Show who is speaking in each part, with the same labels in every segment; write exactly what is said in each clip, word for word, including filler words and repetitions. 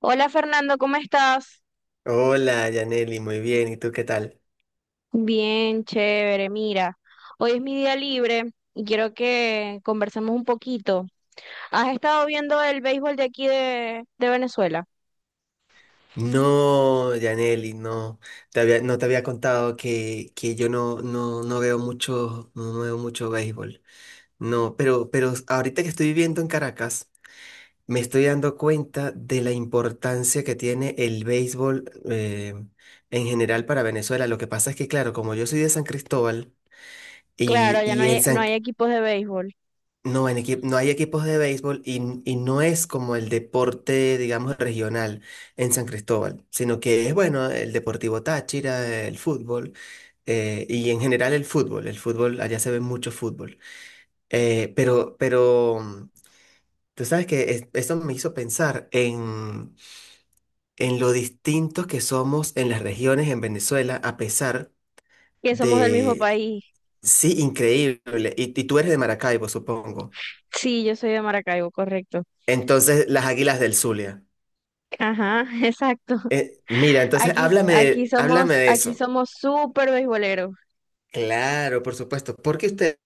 Speaker 1: Hola, Fernando, ¿cómo estás?
Speaker 2: Hola, Yaneli, muy bien. ¿Y tú qué tal?
Speaker 1: Bien, chévere. Mira, hoy es mi día libre y quiero que conversemos un poquito. ¿Has estado viendo el béisbol de aquí de, de Venezuela?
Speaker 2: No, Yaneli, no. Te había- no te había contado que, que yo no, no, no veo mucho, no no veo mucho béisbol. No, pero, pero ahorita que estoy viviendo en Caracas, me estoy dando cuenta de la importancia que tiene el béisbol eh, en general para Venezuela. Lo que pasa es que, claro, como yo soy de San Cristóbal
Speaker 1: Claro,
Speaker 2: y,
Speaker 1: ya no
Speaker 2: y
Speaker 1: hay,
Speaker 2: en
Speaker 1: no
Speaker 2: San.
Speaker 1: hay equipos de béisbol,
Speaker 2: No, en equi- no hay equipos de béisbol y, n- y no es como el deporte, digamos, regional en San Cristóbal, sino que es, bueno, el Deportivo Táchira, el fútbol eh, y en general el fútbol. El fútbol, allá se ve mucho fútbol. Eh, pero, pero mm, tú sabes que es- eso me hizo pensar en, en lo distintos que somos en las regiones en Venezuela, a pesar
Speaker 1: que somos del mismo
Speaker 2: de.
Speaker 1: país.
Speaker 2: Sí, increíble. Y, y tú eres de Maracaibo, supongo.
Speaker 1: Sí, yo soy de Maracaibo, correcto.
Speaker 2: Entonces, las Águilas del Zulia.
Speaker 1: Ajá, exacto.
Speaker 2: Eh, mira, entonces
Speaker 1: Aquí,
Speaker 2: háblame
Speaker 1: aquí
Speaker 2: de, háblame
Speaker 1: somos,
Speaker 2: de
Speaker 1: aquí
Speaker 2: eso.
Speaker 1: somos súper beisboleros.
Speaker 2: Claro, por supuesto, porque ustedes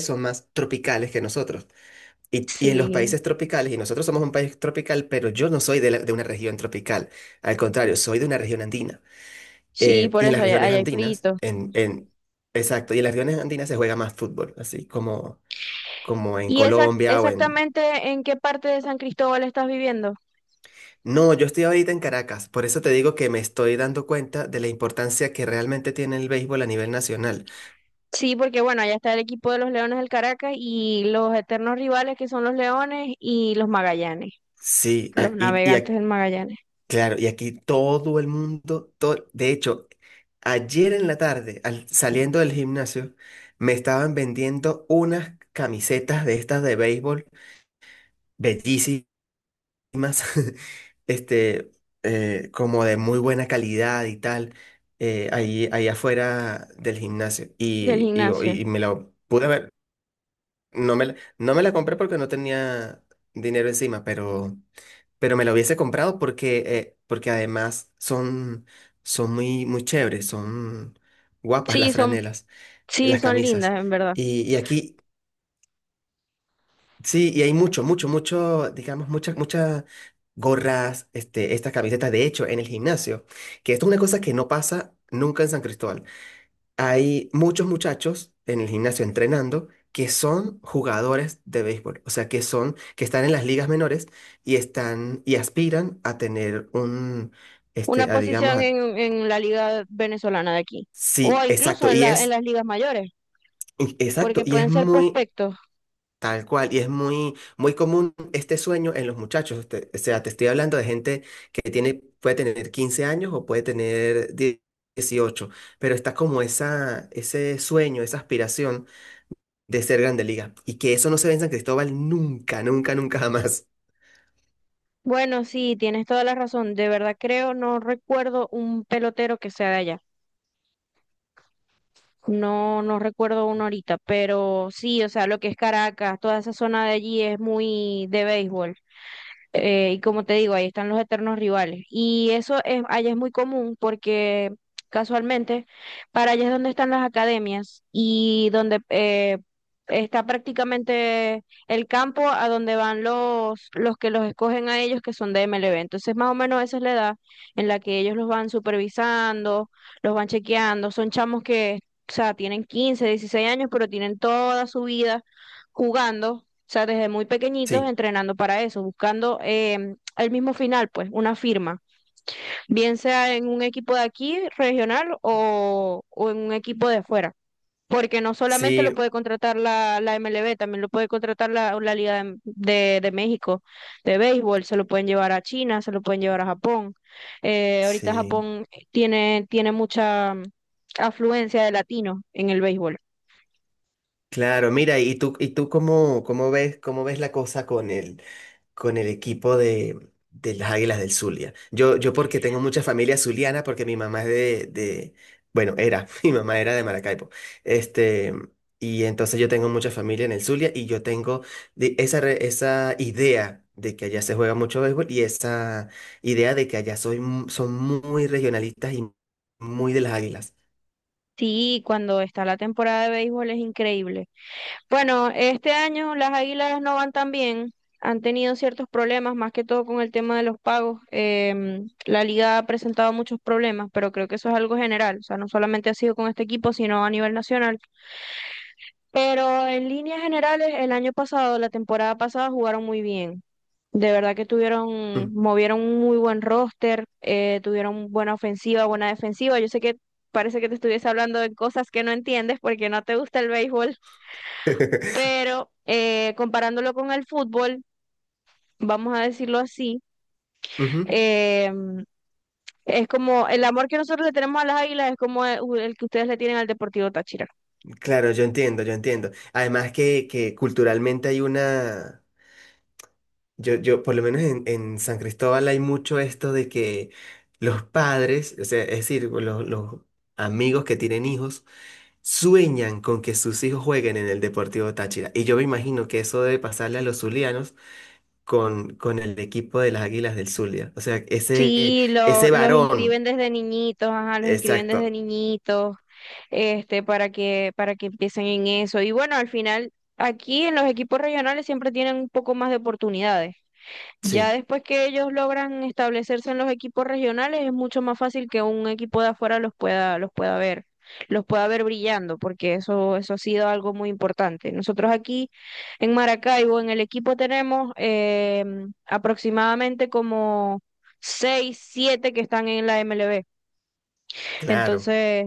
Speaker 2: son más tropicales que nosotros. Y, y en los
Speaker 1: Sí,
Speaker 2: países tropicales, y nosotros somos un país tropical, pero yo no soy de, la- de una región tropical. Al contrario, soy de una región andina.
Speaker 1: sí,
Speaker 2: Eh,
Speaker 1: por
Speaker 2: y en
Speaker 1: eso
Speaker 2: las
Speaker 1: allá,
Speaker 2: regiones
Speaker 1: allá hay
Speaker 2: andinas,
Speaker 1: frito.
Speaker 2: en, en, exacto, y en las regiones andinas se juega más fútbol, así como, como en
Speaker 1: ¿Y esa,
Speaker 2: Colombia o en…
Speaker 1: exactamente en qué parte de San Cristóbal estás viviendo?
Speaker 2: No, yo estoy ahorita en Caracas, por eso te digo que me estoy dando cuenta de la importancia que realmente tiene el béisbol a nivel nacional.
Speaker 1: Sí, porque bueno, allá está el equipo de los Leones del Caracas y los eternos rivales que son los Leones y los Magallanes,
Speaker 2: Sí,
Speaker 1: los
Speaker 2: a- y, y a-
Speaker 1: navegantes del Magallanes,
Speaker 2: claro, y aquí todo el mundo, todo, de hecho, ayer en la tarde, al, saliendo del gimnasio, me estaban vendiendo unas camisetas de estas de béisbol, bellísimas, este, eh, como de muy buena calidad y tal, eh, ahí, ahí afuera del gimnasio.
Speaker 1: del
Speaker 2: Y,
Speaker 1: gimnasio.
Speaker 2: y, y, me la pude ver, no me la, no me la compré porque no tenía dinero encima, pero… pero me lo hubiese comprado porque, eh, porque además son, son muy, muy chéveres, son guapas
Speaker 1: Sí,
Speaker 2: las
Speaker 1: son,
Speaker 2: franelas, eh,
Speaker 1: sí,
Speaker 2: las
Speaker 1: son
Speaker 2: camisas.
Speaker 1: lindas, en verdad.
Speaker 2: Y, y aquí, sí, y hay mucho, mucho, mucho, digamos, muchas, muchas gorras, este, estas camisetas, de hecho, en el gimnasio, que esto es una cosa que no pasa nunca en San Cristóbal. Hay muchos muchachos en el gimnasio entrenando que son jugadores de béisbol, o sea, que son, que están en las ligas menores y están y aspiran a tener un,
Speaker 1: Una
Speaker 2: este, a digamos,
Speaker 1: posición
Speaker 2: a-
Speaker 1: en, en la liga venezolana de aquí, o
Speaker 2: sí,
Speaker 1: incluso
Speaker 2: exacto,
Speaker 1: en
Speaker 2: y
Speaker 1: la, en
Speaker 2: es,
Speaker 1: las ligas mayores,
Speaker 2: y- exacto,
Speaker 1: porque
Speaker 2: y es
Speaker 1: pueden ser
Speaker 2: muy
Speaker 1: prospectos.
Speaker 2: tal cual, y es muy, muy común este sueño en los muchachos, este, o sea, te estoy hablando de gente que tiene, puede tener quince años o puede tener diez, dieciocho, pero está como esa, ese sueño, esa aspiración de ser Grande Liga. Y que eso no se ve en San Cristóbal nunca, nunca, nunca jamás.
Speaker 1: Bueno, sí, tienes toda la razón. De verdad creo, no recuerdo un pelotero que sea de allá. No, no recuerdo uno ahorita, pero sí, o sea, lo que es Caracas, toda esa zona de allí es muy de béisbol. Eh, y como te digo, ahí están los eternos rivales. Y eso es, allá es muy común porque casualmente para allá es donde están las academias y donde eh, está prácticamente el campo a donde van los, los que los escogen a ellos que son de M L B Entonces, más o menos esa es la edad en la que ellos los van supervisando, los van chequeando. Son chamos que, o sea, tienen quince, 16 años, pero tienen toda su vida jugando, o sea, desde muy pequeñitos
Speaker 2: Sí,
Speaker 1: entrenando para eso, buscando eh, el mismo final, pues, una firma, bien sea en un equipo de aquí, regional, o, o en un equipo de fuera. Porque no solamente
Speaker 2: sí,
Speaker 1: lo puede contratar la, la M L B, también lo puede contratar la, la Liga de, de- de México de béisbol, se lo pueden llevar a China, se lo pueden llevar a Japón. Eh, ahorita
Speaker 2: sí.
Speaker 1: Japón tiene, tiene mucha afluencia de latinos en el béisbol.
Speaker 2: Claro, mira, ¿y tú, ¿y tú cómo, cómo ves, cómo ves la cosa con él? Con el equipo de, de las Águilas del Zulia. Yo, yo porque tengo mucha familia zuliana, porque mi mamá es de, de, bueno, era, mi mamá era de Maracaibo. Este, y entonces yo tengo mucha familia en el Zulia y yo tengo de- esa, re- esa idea de que allá se juega mucho béisbol y esa idea de que allá soy, mu- son muy regionalistas y muy de las Águilas.
Speaker 1: Sí, cuando está la temporada de béisbol es increíble. Bueno, este año las Águilas no van tan bien. Han tenido ciertos problemas, más que todo con el tema de los pagos. Em, la liga ha presentado muchos problemas, pero creo que eso es algo general. O sea, no solamente ha sido con este equipo, sino a nivel nacional. Pero en líneas generales, el año pasado, la temporada pasada, jugaron muy bien. De verdad que
Speaker 2: Mm.
Speaker 1: tuvieron, movieron un muy buen roster, eh, tuvieron buena ofensiva, buena defensiva. Yo sé que parece que te estuviese hablando de cosas que no entiendes porque no te gusta el béisbol, pero eh, comparándolo con el fútbol, vamos a decirlo así,
Speaker 2: Ujú.
Speaker 1: eh, es como el amor que nosotros le tenemos a las Águilas es como el el que ustedes le tienen al Deportivo Táchira.
Speaker 2: Claro, yo entiendo, yo entiendo. Además que, que culturalmente hay una… Yo, yo, por lo menos en, en San Cristóbal hay mucho esto de que los padres, o sea, es decir, los, los amigos que tienen hijos, sueñan con que sus hijos jueguen en el Deportivo Táchira. Y yo me imagino que eso debe pasarle a los zulianos con, con el equipo de las Águilas del Zulia. O sea, ese,
Speaker 1: Sí, lo-
Speaker 2: ese
Speaker 1: los inscriben
Speaker 2: varón.
Speaker 1: desde niñitos, ajá, los inscriben desde
Speaker 2: Exacto.
Speaker 1: niñitos, este, para que, para que empiecen en eso. Y bueno, al final, aquí en los equipos regionales siempre tienen un poco más de oportunidades. Ya
Speaker 2: Sí,
Speaker 1: después que ellos logran establecerse en los equipos regionales, es mucho más fácil que un equipo de afuera los pueda, los pueda ver, los pueda ver brillando, porque eso, eso ha sido algo muy importante. Nosotros aquí en Maracaibo, en el equipo tenemos eh, aproximadamente como seis, siete que están en la M L B.
Speaker 2: claro.
Speaker 1: Entonces,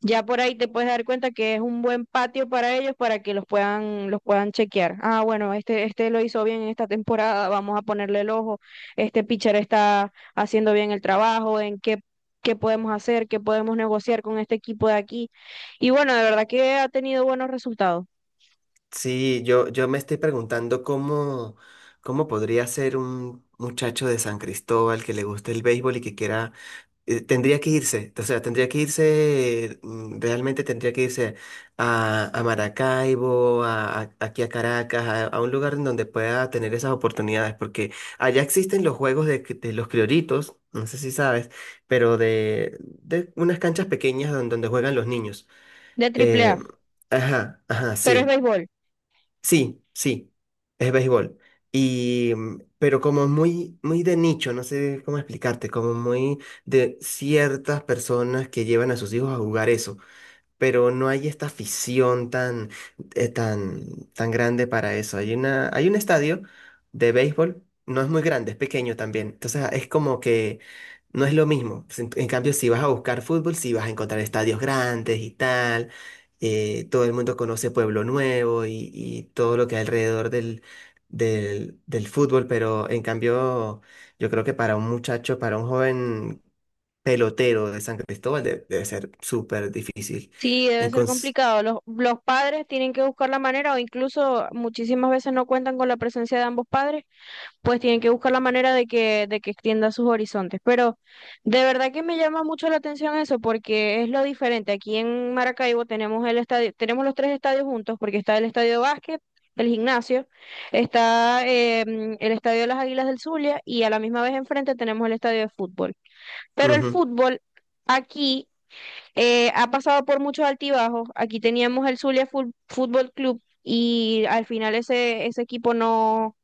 Speaker 1: ya por ahí te puedes dar cuenta que es un buen patio para ellos para que los puedan, los puedan chequear. Ah, bueno, este, este lo hizo bien en esta temporada, vamos a ponerle el ojo. Este pitcher está haciendo bien el trabajo, en qué, qué podemos hacer, qué podemos negociar con este equipo de aquí. Y bueno, de verdad que ha tenido buenos resultados
Speaker 2: Sí, yo, yo me estoy preguntando cómo, cómo podría ser un muchacho de San Cristóbal que le guste el béisbol y que quiera eh, tendría que irse, o sea, tendría que irse, mm, realmente tendría que irse a, a Maracaibo, a, a- aquí a Caracas, a, a un lugar en donde pueda tener esas oportunidades, porque allá existen los juegos de, cri- de los crioritos, no sé si sabes, pero de, de unas canchas pequeñas don- donde juegan los niños.
Speaker 1: de Triple
Speaker 2: Eh,
Speaker 1: A,
Speaker 2: ajá, ajá,
Speaker 1: pero es
Speaker 2: sí.
Speaker 1: béisbol.
Speaker 2: Sí, sí, es béisbol. Y, mm, pero como muy, muy de nicho, no sé cómo explicarte, como muy de ciertas personas que llevan a sus hijos a jugar eso, pero no hay esta afición tan, eh, tan, tan grande para eso. Hay una, hay un estadio de béisbol, no es muy grande, es pequeño también. Entonces ah, es como que no es lo mismo. En, en cambio, si vas a buscar fútbol, si vas a encontrar estadios grandes y tal. Eh, todo el mundo conoce Pueblo Nuevo y, y todo lo que hay alrededor del, del, del fútbol, pero en cambio, yo creo que para un muchacho, para un joven pelotero de San Cristóbal, de- debe ser súper difícil.
Speaker 1: Sí, debe
Speaker 2: En
Speaker 1: ser
Speaker 2: cons-
Speaker 1: complicado. Los, los padres tienen que buscar la manera, o incluso muchísimas veces no cuentan con la presencia de ambos padres, pues tienen que buscar la manera de que, de que extienda sus horizontes. Pero de verdad que me llama mucho la atención eso, porque es lo diferente. Aquí en Maracaibo tenemos el estadio, tenemos los tres estadios juntos, porque está el estadio de básquet, el gimnasio, está eh, mm, el estadio de las Águilas del Zulia, y a la misma vez enfrente tenemos el estadio de fútbol. Pero el
Speaker 2: Ujú,
Speaker 1: fútbol aquí eh, ha pasado por muchos altibajos. Aquí teníamos el Zulia Fu- Fútbol Club y al final ese, ese equipo no,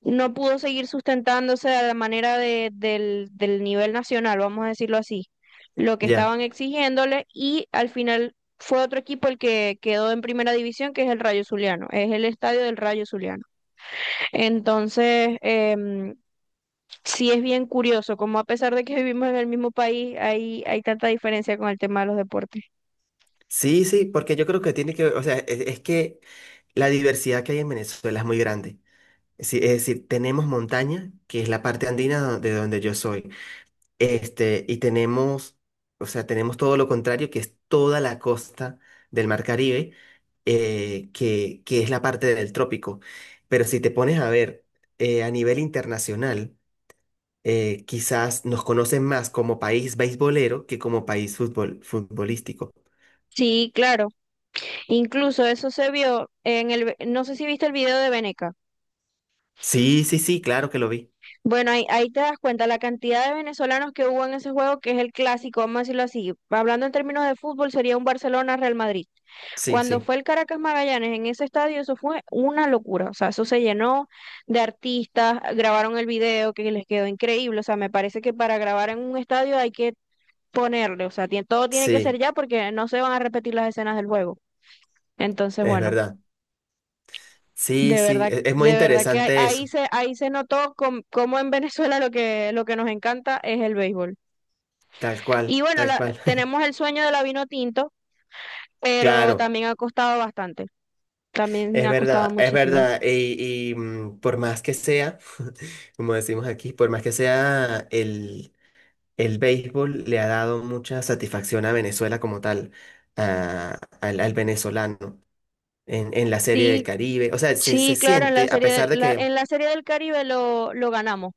Speaker 1: no pudo seguir sustentándose a la manera de- del, del nivel nacional, vamos a decirlo así, lo que
Speaker 2: ya.
Speaker 1: estaban exigiéndole y al final fue otro equipo el que quedó en primera división, que es el Rayo Zuliano, es el estadio del Rayo Zuliano. Entonces, em, sí es bien curioso, como a pesar de que vivimos en el mismo país, hay, hay tanta diferencia con el tema de los deportes.
Speaker 2: Sí, sí, porque yo creo que tiene que, o sea, es, es que la diversidad que hay en Venezuela es muy grande. Sí, es decir, tenemos montaña, que es la parte andina do- de donde yo soy. Este, y tenemos, o sea, tenemos todo lo contrario, que es toda la costa del Mar Caribe, eh, que, que es la parte del trópico. Pero si te pones a ver eh, a nivel internacional, eh, quizás nos conocen más como país beisbolero que como país fútbol futbolístico.
Speaker 1: Sí, claro. Incluso eso se vio en el, ve- no sé si viste el video de Veneca.
Speaker 2: Sí, sí, sí, claro que lo vi.
Speaker 1: Bueno, ahí, ahí te das cuenta la cantidad de venezolanos que hubo en ese juego, que es el clásico, vamos a decirlo así. Hablando en términos de fútbol, sería un Barcelona-Real Madrid.
Speaker 2: Sí,
Speaker 1: Cuando
Speaker 2: sí,
Speaker 1: fue el Caracas Magallanes en ese estadio, eso fue una locura. O sea, eso se llenó de artistas, grabaron el video que les quedó increíble. O sea, me parece que para grabar en un estadio hay que ponerle, o sea, tie- todo tiene que ser
Speaker 2: sí,
Speaker 1: ya porque no se van a repetir las escenas del juego. Entonces,
Speaker 2: es
Speaker 1: bueno.
Speaker 2: verdad. Sí,
Speaker 1: De
Speaker 2: sí,
Speaker 1: verdad,
Speaker 2: e- es muy
Speaker 1: de verdad que ahí
Speaker 2: interesante
Speaker 1: ahí
Speaker 2: eso,
Speaker 1: se, ahí se notó com- cómo en Venezuela lo que, lo que nos encanta es el béisbol.
Speaker 2: tal
Speaker 1: Y
Speaker 2: cual,
Speaker 1: bueno,
Speaker 2: tal
Speaker 1: la-
Speaker 2: cual.
Speaker 1: tenemos el sueño de la vino tinto, pero
Speaker 2: Claro,
Speaker 1: también ha costado bastante. También
Speaker 2: es
Speaker 1: ha costado
Speaker 2: verdad, es
Speaker 1: muchísimo.
Speaker 2: verdad. Y, y, mm, por más que sea, como decimos aquí, por más que sea, el, el béisbol le ha dado mucha satisfacción a Venezuela como tal, a- al al venezolano. En, en la serie del
Speaker 1: Sí,
Speaker 2: Caribe. O sea, se, se
Speaker 1: sí, claro, en la
Speaker 2: siente, a
Speaker 1: serie, de-
Speaker 2: pesar de
Speaker 1: la-
Speaker 2: que,
Speaker 1: en la serie del Caribe lo, lo ganamos.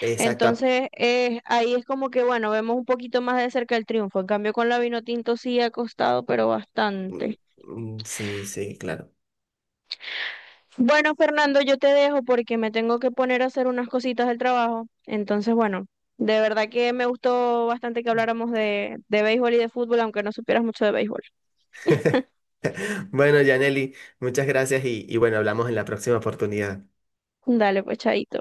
Speaker 2: exacto, a-
Speaker 1: Entonces, eh, ahí es como que, bueno, vemos un poquito más de cerca el triunfo. En cambio, con la vino tinto sí ha costado, pero
Speaker 2: mm,
Speaker 1: bastante.
Speaker 2: mm, sí, sí, claro.
Speaker 1: Bueno, Fernando, yo te dejo porque me tengo que poner a hacer unas cositas del trabajo. Entonces, bueno, de verdad que me gustó bastante que habláramos de, de béisbol y de fútbol, aunque no supieras mucho de béisbol.
Speaker 2: Bueno, Yaneli, muchas gracias y, y bueno, hablamos en la próxima oportunidad.
Speaker 1: Dale, pues, chaito.